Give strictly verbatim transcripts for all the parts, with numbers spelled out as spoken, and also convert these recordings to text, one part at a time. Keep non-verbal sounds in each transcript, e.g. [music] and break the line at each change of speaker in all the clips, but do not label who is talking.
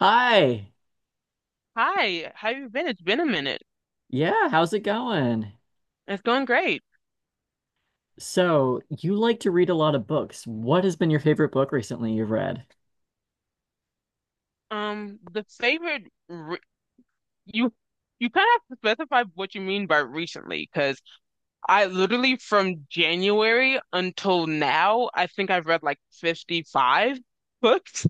Hi.
Hi, how you been? It's been a minute.
Yeah, how's it going?
It's going great.
So, you like to read a lot of books. What has been your favorite book recently you've read?
Um, the favorite re you you kind of have to specify what you mean by recently, because I literally from January until now, I think I've read like fifty-five [laughs] books.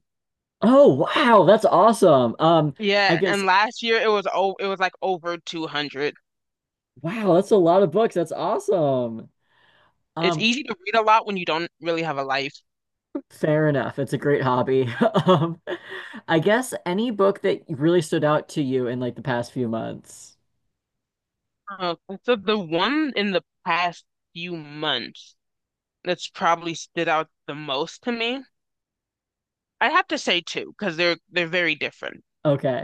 Oh, wow, that's awesome. Um,
Yeah,
I guess
and last year it was oh it was like over two hundred.
wow, that's a lot of books. That's awesome.
It's
Um,
easy to read a lot when you don't really have a life.
fair enough. It's a great hobby. [laughs] Um, I guess any book that really stood out to you in like the past few months.
Uh, so the one in the past few months that's probably stood out the most to me, I have to say two because they're they're very different.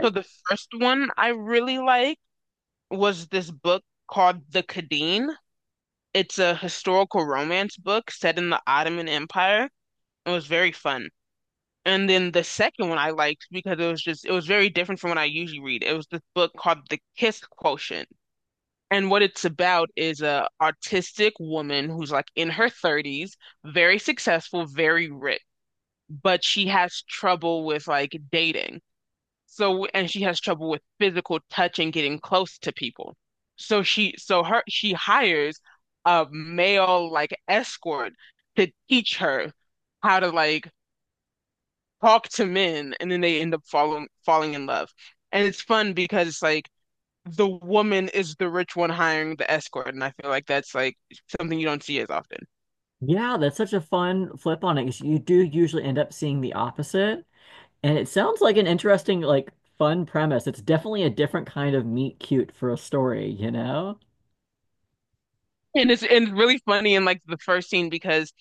So the first one I really liked was this book called The Khedive. It's a historical romance book set in the Ottoman Empire. It was very fun. And then the second one I liked because it was just it was very different from what I usually read. It was this book called The Kiss Quotient. And what it's about is a artistic woman who's like in her thirties, very successful, very rich, but she has trouble with like dating. So, and she has trouble with physical touch and getting close to people. So she, so her, she hires a male like escort to teach her how to like talk to men, and then they end up falling falling in love. And it's fun because it's like the woman is the rich one hiring the escort, and I feel like that's like something you don't see as often.
Yeah, that's such a fun flip on it because you do usually end up seeing the opposite. And it sounds like an interesting, like, fun premise. It's definitely a different kind of meet cute for a story, you know?
And it's and it's really funny in like the first scene because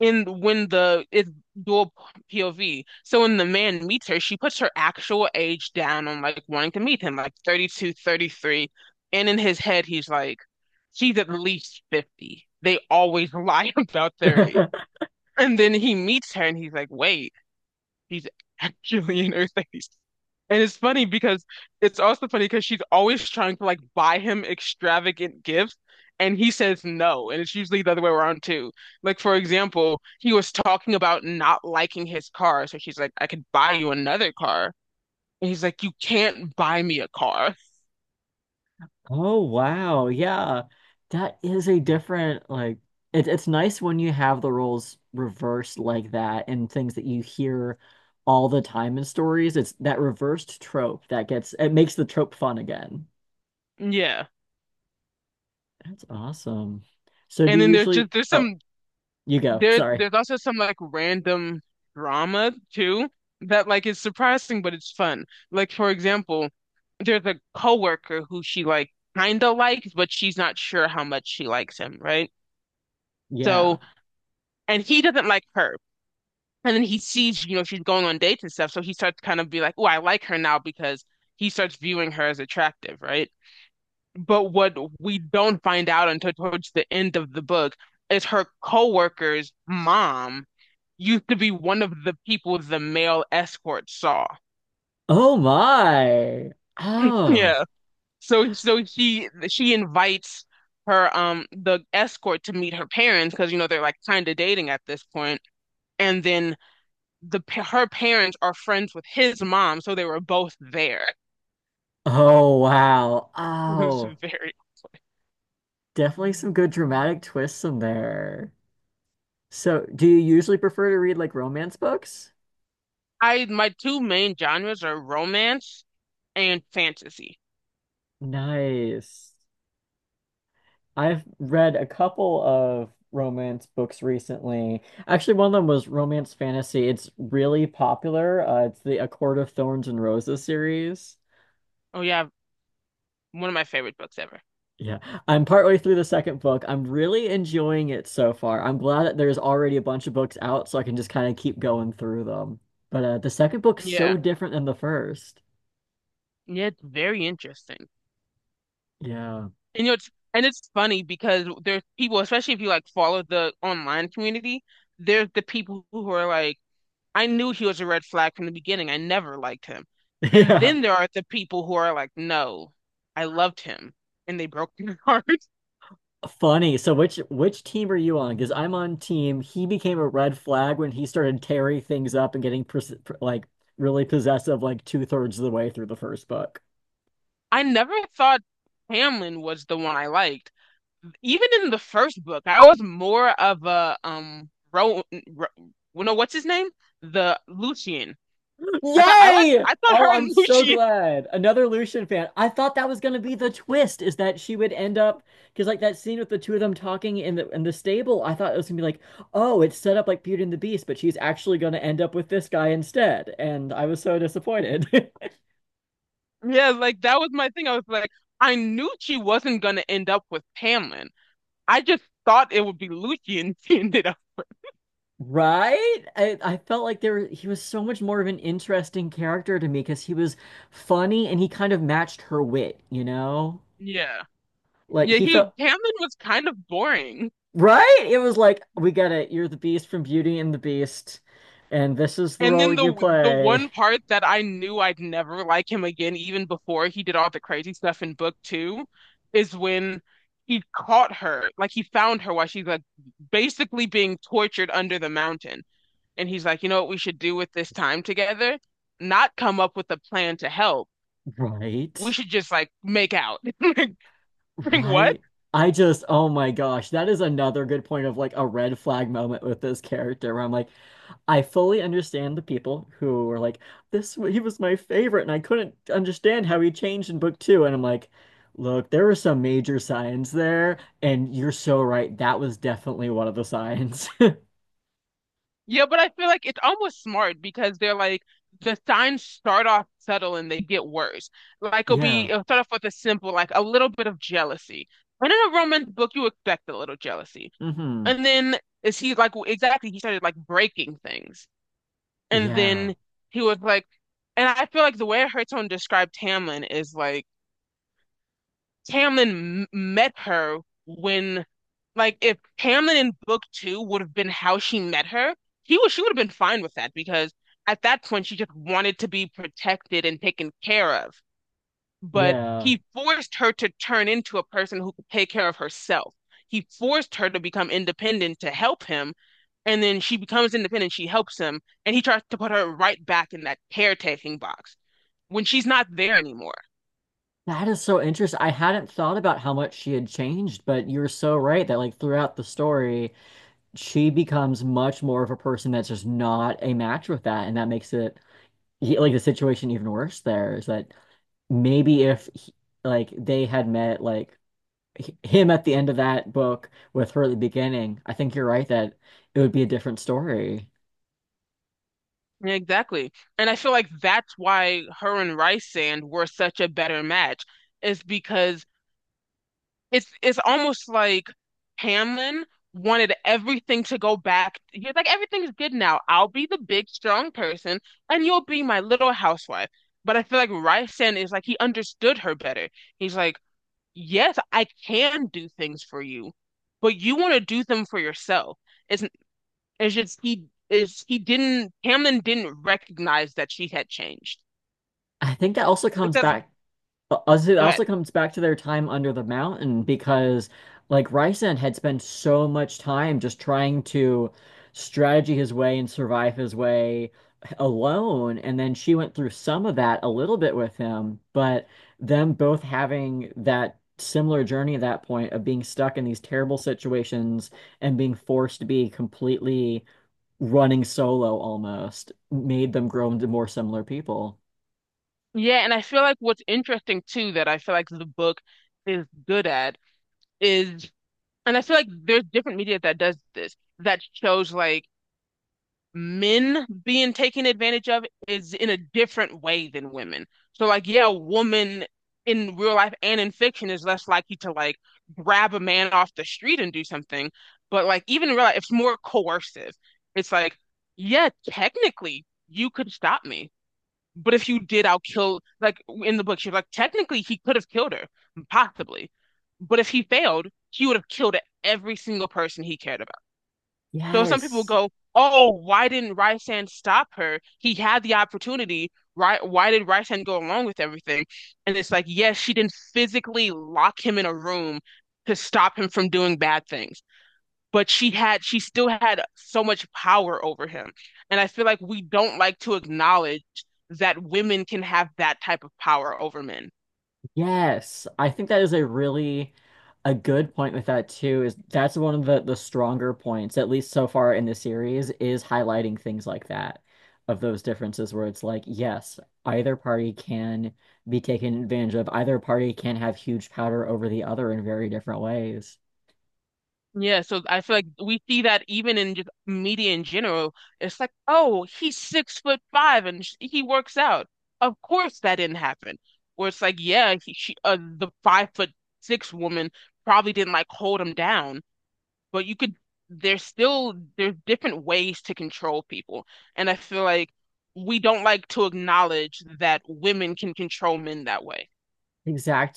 in when the it's dual P O V. So when the man meets her, she puts her actual age down on like wanting to meet him, like thirty two, thirty three. And in his head, he's like, she's at least fifty. They always lie [laughs] about their age.
[laughs]
And then he meets her and he's like, wait, she's actually [laughs] in her thirties. And it's funny because It's also funny because she's always trying to like buy him extravagant gifts and he says no. And it's usually the other way around too. Like for example, he was talking about not liking his car. So she's like, I could buy you another car. And he's like, you can't buy me a car.
Oh, wow. Yeah. That is a different, like, it, it's nice when you have the roles reversed like that and things that you hear all the time in stories. It's that reversed trope that gets, it makes the trope fun again.
Yeah.
That's awesome. So do
And
you
then there's
usually,
just there's
oh,
some.
you go.
There,
Sorry.
there's also some like random drama too that like is surprising, but it's fun. Like for example, there's a coworker who she like kind of likes, but she's not sure how much she likes him, right?
Yeah.
So, and he doesn't like her. And then he sees, you know, she's going on dates and stuff, so he starts to kind of be like, "Oh, I like her now," because he starts viewing her as attractive, right? But what we don't find out until towards the end of the book is her coworker's mom used to be one of the people the male escort saw.
Oh my. Oh.
Yeah. So so she she invites her um the escort to meet her parents because you know they're like kind of dating at this point. And then the pa- her parents are friends with his mom, so they were both there. [laughs]
Oh, wow.
It was
Oh,
very awkward.
definitely some good dramatic twists in there. So, do you usually prefer to read like romance books?
I my two main genres are romance and fantasy.
Nice. I've read a couple of romance books recently. Actually, one of them was romance fantasy. It's really popular. Uh, it's the A Court of Thorns and Roses series.
Oh yeah, one of my favorite books ever.
Yeah, I'm partway through the second book. I'm really enjoying it so far. I'm glad that there's already a bunch of books out, so I can just kind of keep going through them. But uh, the second book's
Yeah.
so different than the first.
Yeah, it's very interesting.
Yeah,
And you know, it's and it's funny because there's people, especially if you like follow the online community, there's the people who are like, I knew he was a red flag from the beginning. I never liked him.
[laughs]
And
yeah.
then there are the people who are like, no, I loved him and they broke my heart. [laughs]
Funny. So which which team are you on? Because I'm on team. He became a red flag when he started tearing things up and getting pers pr- like really possessive, like two thirds of the way through the first book.
I never thought Hamlin was the one I liked. Even in the first book, I was more of a um Ro, Ro well, no, what's his name? The Lucian. I thought I liked
Yay!
I thought
Oh,
her and
I'm
[laughs]
so
Lucian.
glad. Another Lucian fan. I thought that was gonna be the twist, is that she would end up because like that scene with the two of them talking in the in the stable, I thought it was gonna be like, oh, it's set up like Beauty and the Beast, but she's actually gonna end up with this guy instead. And I was so disappointed. [laughs]
Yeah, like that was my thing. I was like, I knew she wasn't gonna end up with Tamlin. I just thought it would be Lucci and [laughs] she ended up.
Right? I, I felt like there he was so much more of an interesting character to me because he was funny and he kind of matched her wit, you know?
Yeah.
Like
Yeah,
he
he
felt
Tamlin was kind of boring.
right? It was like, we get it. You're the Beast from Beauty and the Beast, and this is the
And
role
then
you
the the
play.
one part that I knew I'd never like him again, even before he did all the crazy stuff in book two, is when he caught her. Like he found her while she's like basically being tortured under the mountain. And he's like, you know what we should do with this time together? Not come up with a plan to help, we
Right?
should just like make out. [laughs] like, what?
Right? I just, oh my gosh, that is another good point of like a red flag moment with this character where I'm like, I fully understand the people who were like, this, he was my favorite, and I couldn't understand how he changed in book two. And I'm like, look, there were some major signs there, and you're so right. That was definitely one of the signs. [laughs]
Yeah, but I feel like it's almost smart because they're like the signs start off subtle and they get worse. Like it'll be
Yeah.
it'll start off with a simple like a little bit of jealousy. And in a romance book, you expect a little jealousy.
Hmm.
And then is he like exactly, he started like breaking things. And
Yeah.
then he was like, and I feel like the way her tone described Tamlin is like Tamlin m- met her when, like, if Tamlin in book two would have been how she met her, he was she would have been fine with that because at that point she just wanted to be protected and taken care of. But
Yeah.
he forced her to turn into a person who could take care of herself. He forced her to become independent to help him, and then she becomes independent. She helps him, and he tries to put her right back in that caretaking box when she's not there anymore.
That is so interesting. I hadn't thought about how much she had changed, but you're so right that like throughout the story, she becomes much more of a person that's just not a match with that, and that makes it he- like the situation even worse there is that maybe if he- like they had met like h- him at the end of that book with her at the beginning, I think you're right that it would be a different story.
Yeah, exactly. And I feel like that's why her and Rice were such a better match, is because it's it's almost like Hamlin wanted everything to go back. He's like, everything's good now. I'll be the big, strong person, and you'll be my little housewife. But I feel like Rice is like he understood her better. He's like, yes, I can do things for you, but you want to do them for yourself. It's it's just he is he didn't Hamlin didn't recognize that she had changed
I think that also comes
because
back Uh, also, it
Go ahead.
also comes back to their time under the mountain because, like, Ryzen had spent so much time just trying to strategy his way and survive his way alone. And then she went through some of that a little bit with him, but them both having that similar journey at that point of being stuck in these terrible situations and being forced to be completely running solo almost made them grow into more similar people.
Yeah, and I feel like what's interesting too that I feel like the book is good at is, and I feel like there's different media that does this that shows like men being taken advantage of is in a different way than women. So like yeah, a woman in real life and in fiction is less likely to like grab a man off the street and do something. But like even in real life, it's more coercive. It's like, yeah, technically you could stop me. But if you did, I'll kill like in the book, she's like, technically he could have killed her, possibly. But if he failed, he would have killed every single person he cared. So some people
Yes.
go, "Oh, why didn't Rysand stop her? He had the opportunity. Why, why did Rysand go along with everything?" And it's like, yes, she didn't physically lock him in a room to stop him from doing bad things, but she had, she still had so much power over him. And I feel like we don't like to acknowledge that women can have that type of power over men.
Yes, I think that is a really a good point with that too, is that's one of the the stronger points, at least so far in the series, is highlighting things like that, of those differences where it's like, yes, either party can be taken advantage of, either party can have huge power over the other in very different ways.
Yeah, so I feel like we see that even in just media in general. It's like, oh, he's six foot five and sh he works out. Of course that didn't happen. Where it's like, yeah, he, she, uh, the five foot six woman probably didn't like hold him down, but you could, there's still, there's different ways to control people. And I feel like we don't like to acknowledge that women can control men that way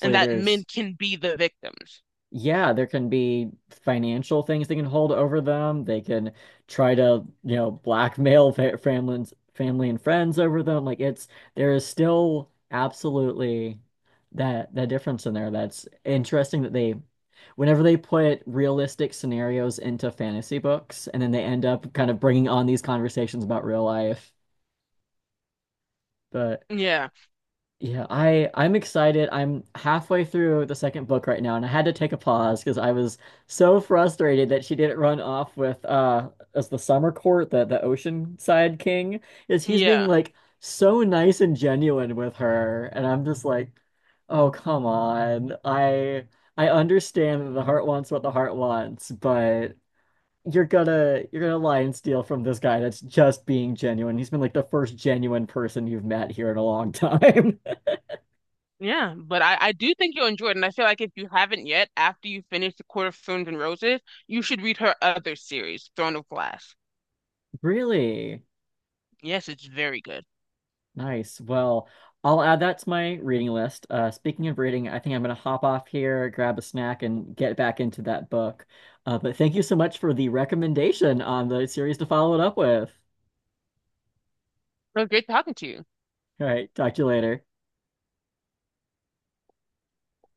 and that men
there's
can be the victims.
yeah, there can be financial things they can hold over them. They can try to, you know, blackmail fa families, family and friends over them. Like it's there is still absolutely that that difference in there. That's interesting that they whenever they put realistic scenarios into fantasy books and then they end up kind of bringing on these conversations about real life. But
Yeah,
yeah, I I'm excited. I'm halfway through the second book right now, and I had to take a pause because I was so frustrated that she didn't run off with uh as the Summer Court, the the Oceanside King, is he's being
yeah,
like so nice and genuine with her, and I'm just like, oh come on. I I understand that the heart wants what the heart wants, but you're gonna you're gonna lie and steal from this guy that's just being genuine. He's been like the first genuine person you've met here in a long [laughs] time.
yeah. But I, I do think you'll enjoy it. And I feel like if you haven't yet, after you finish The Court of Thorns and Roses, you should read her other series, Throne of Glass.
Really?
Yes, it's very good.
Nice. Well, I'll add that to my reading list. Uh, speaking of reading, I think I'm going to hop off here, grab a snack, and get back into that book. Uh, but thank you so much for the recommendation on the series to follow it up with.
It was great talking to you.
All right, talk to you later.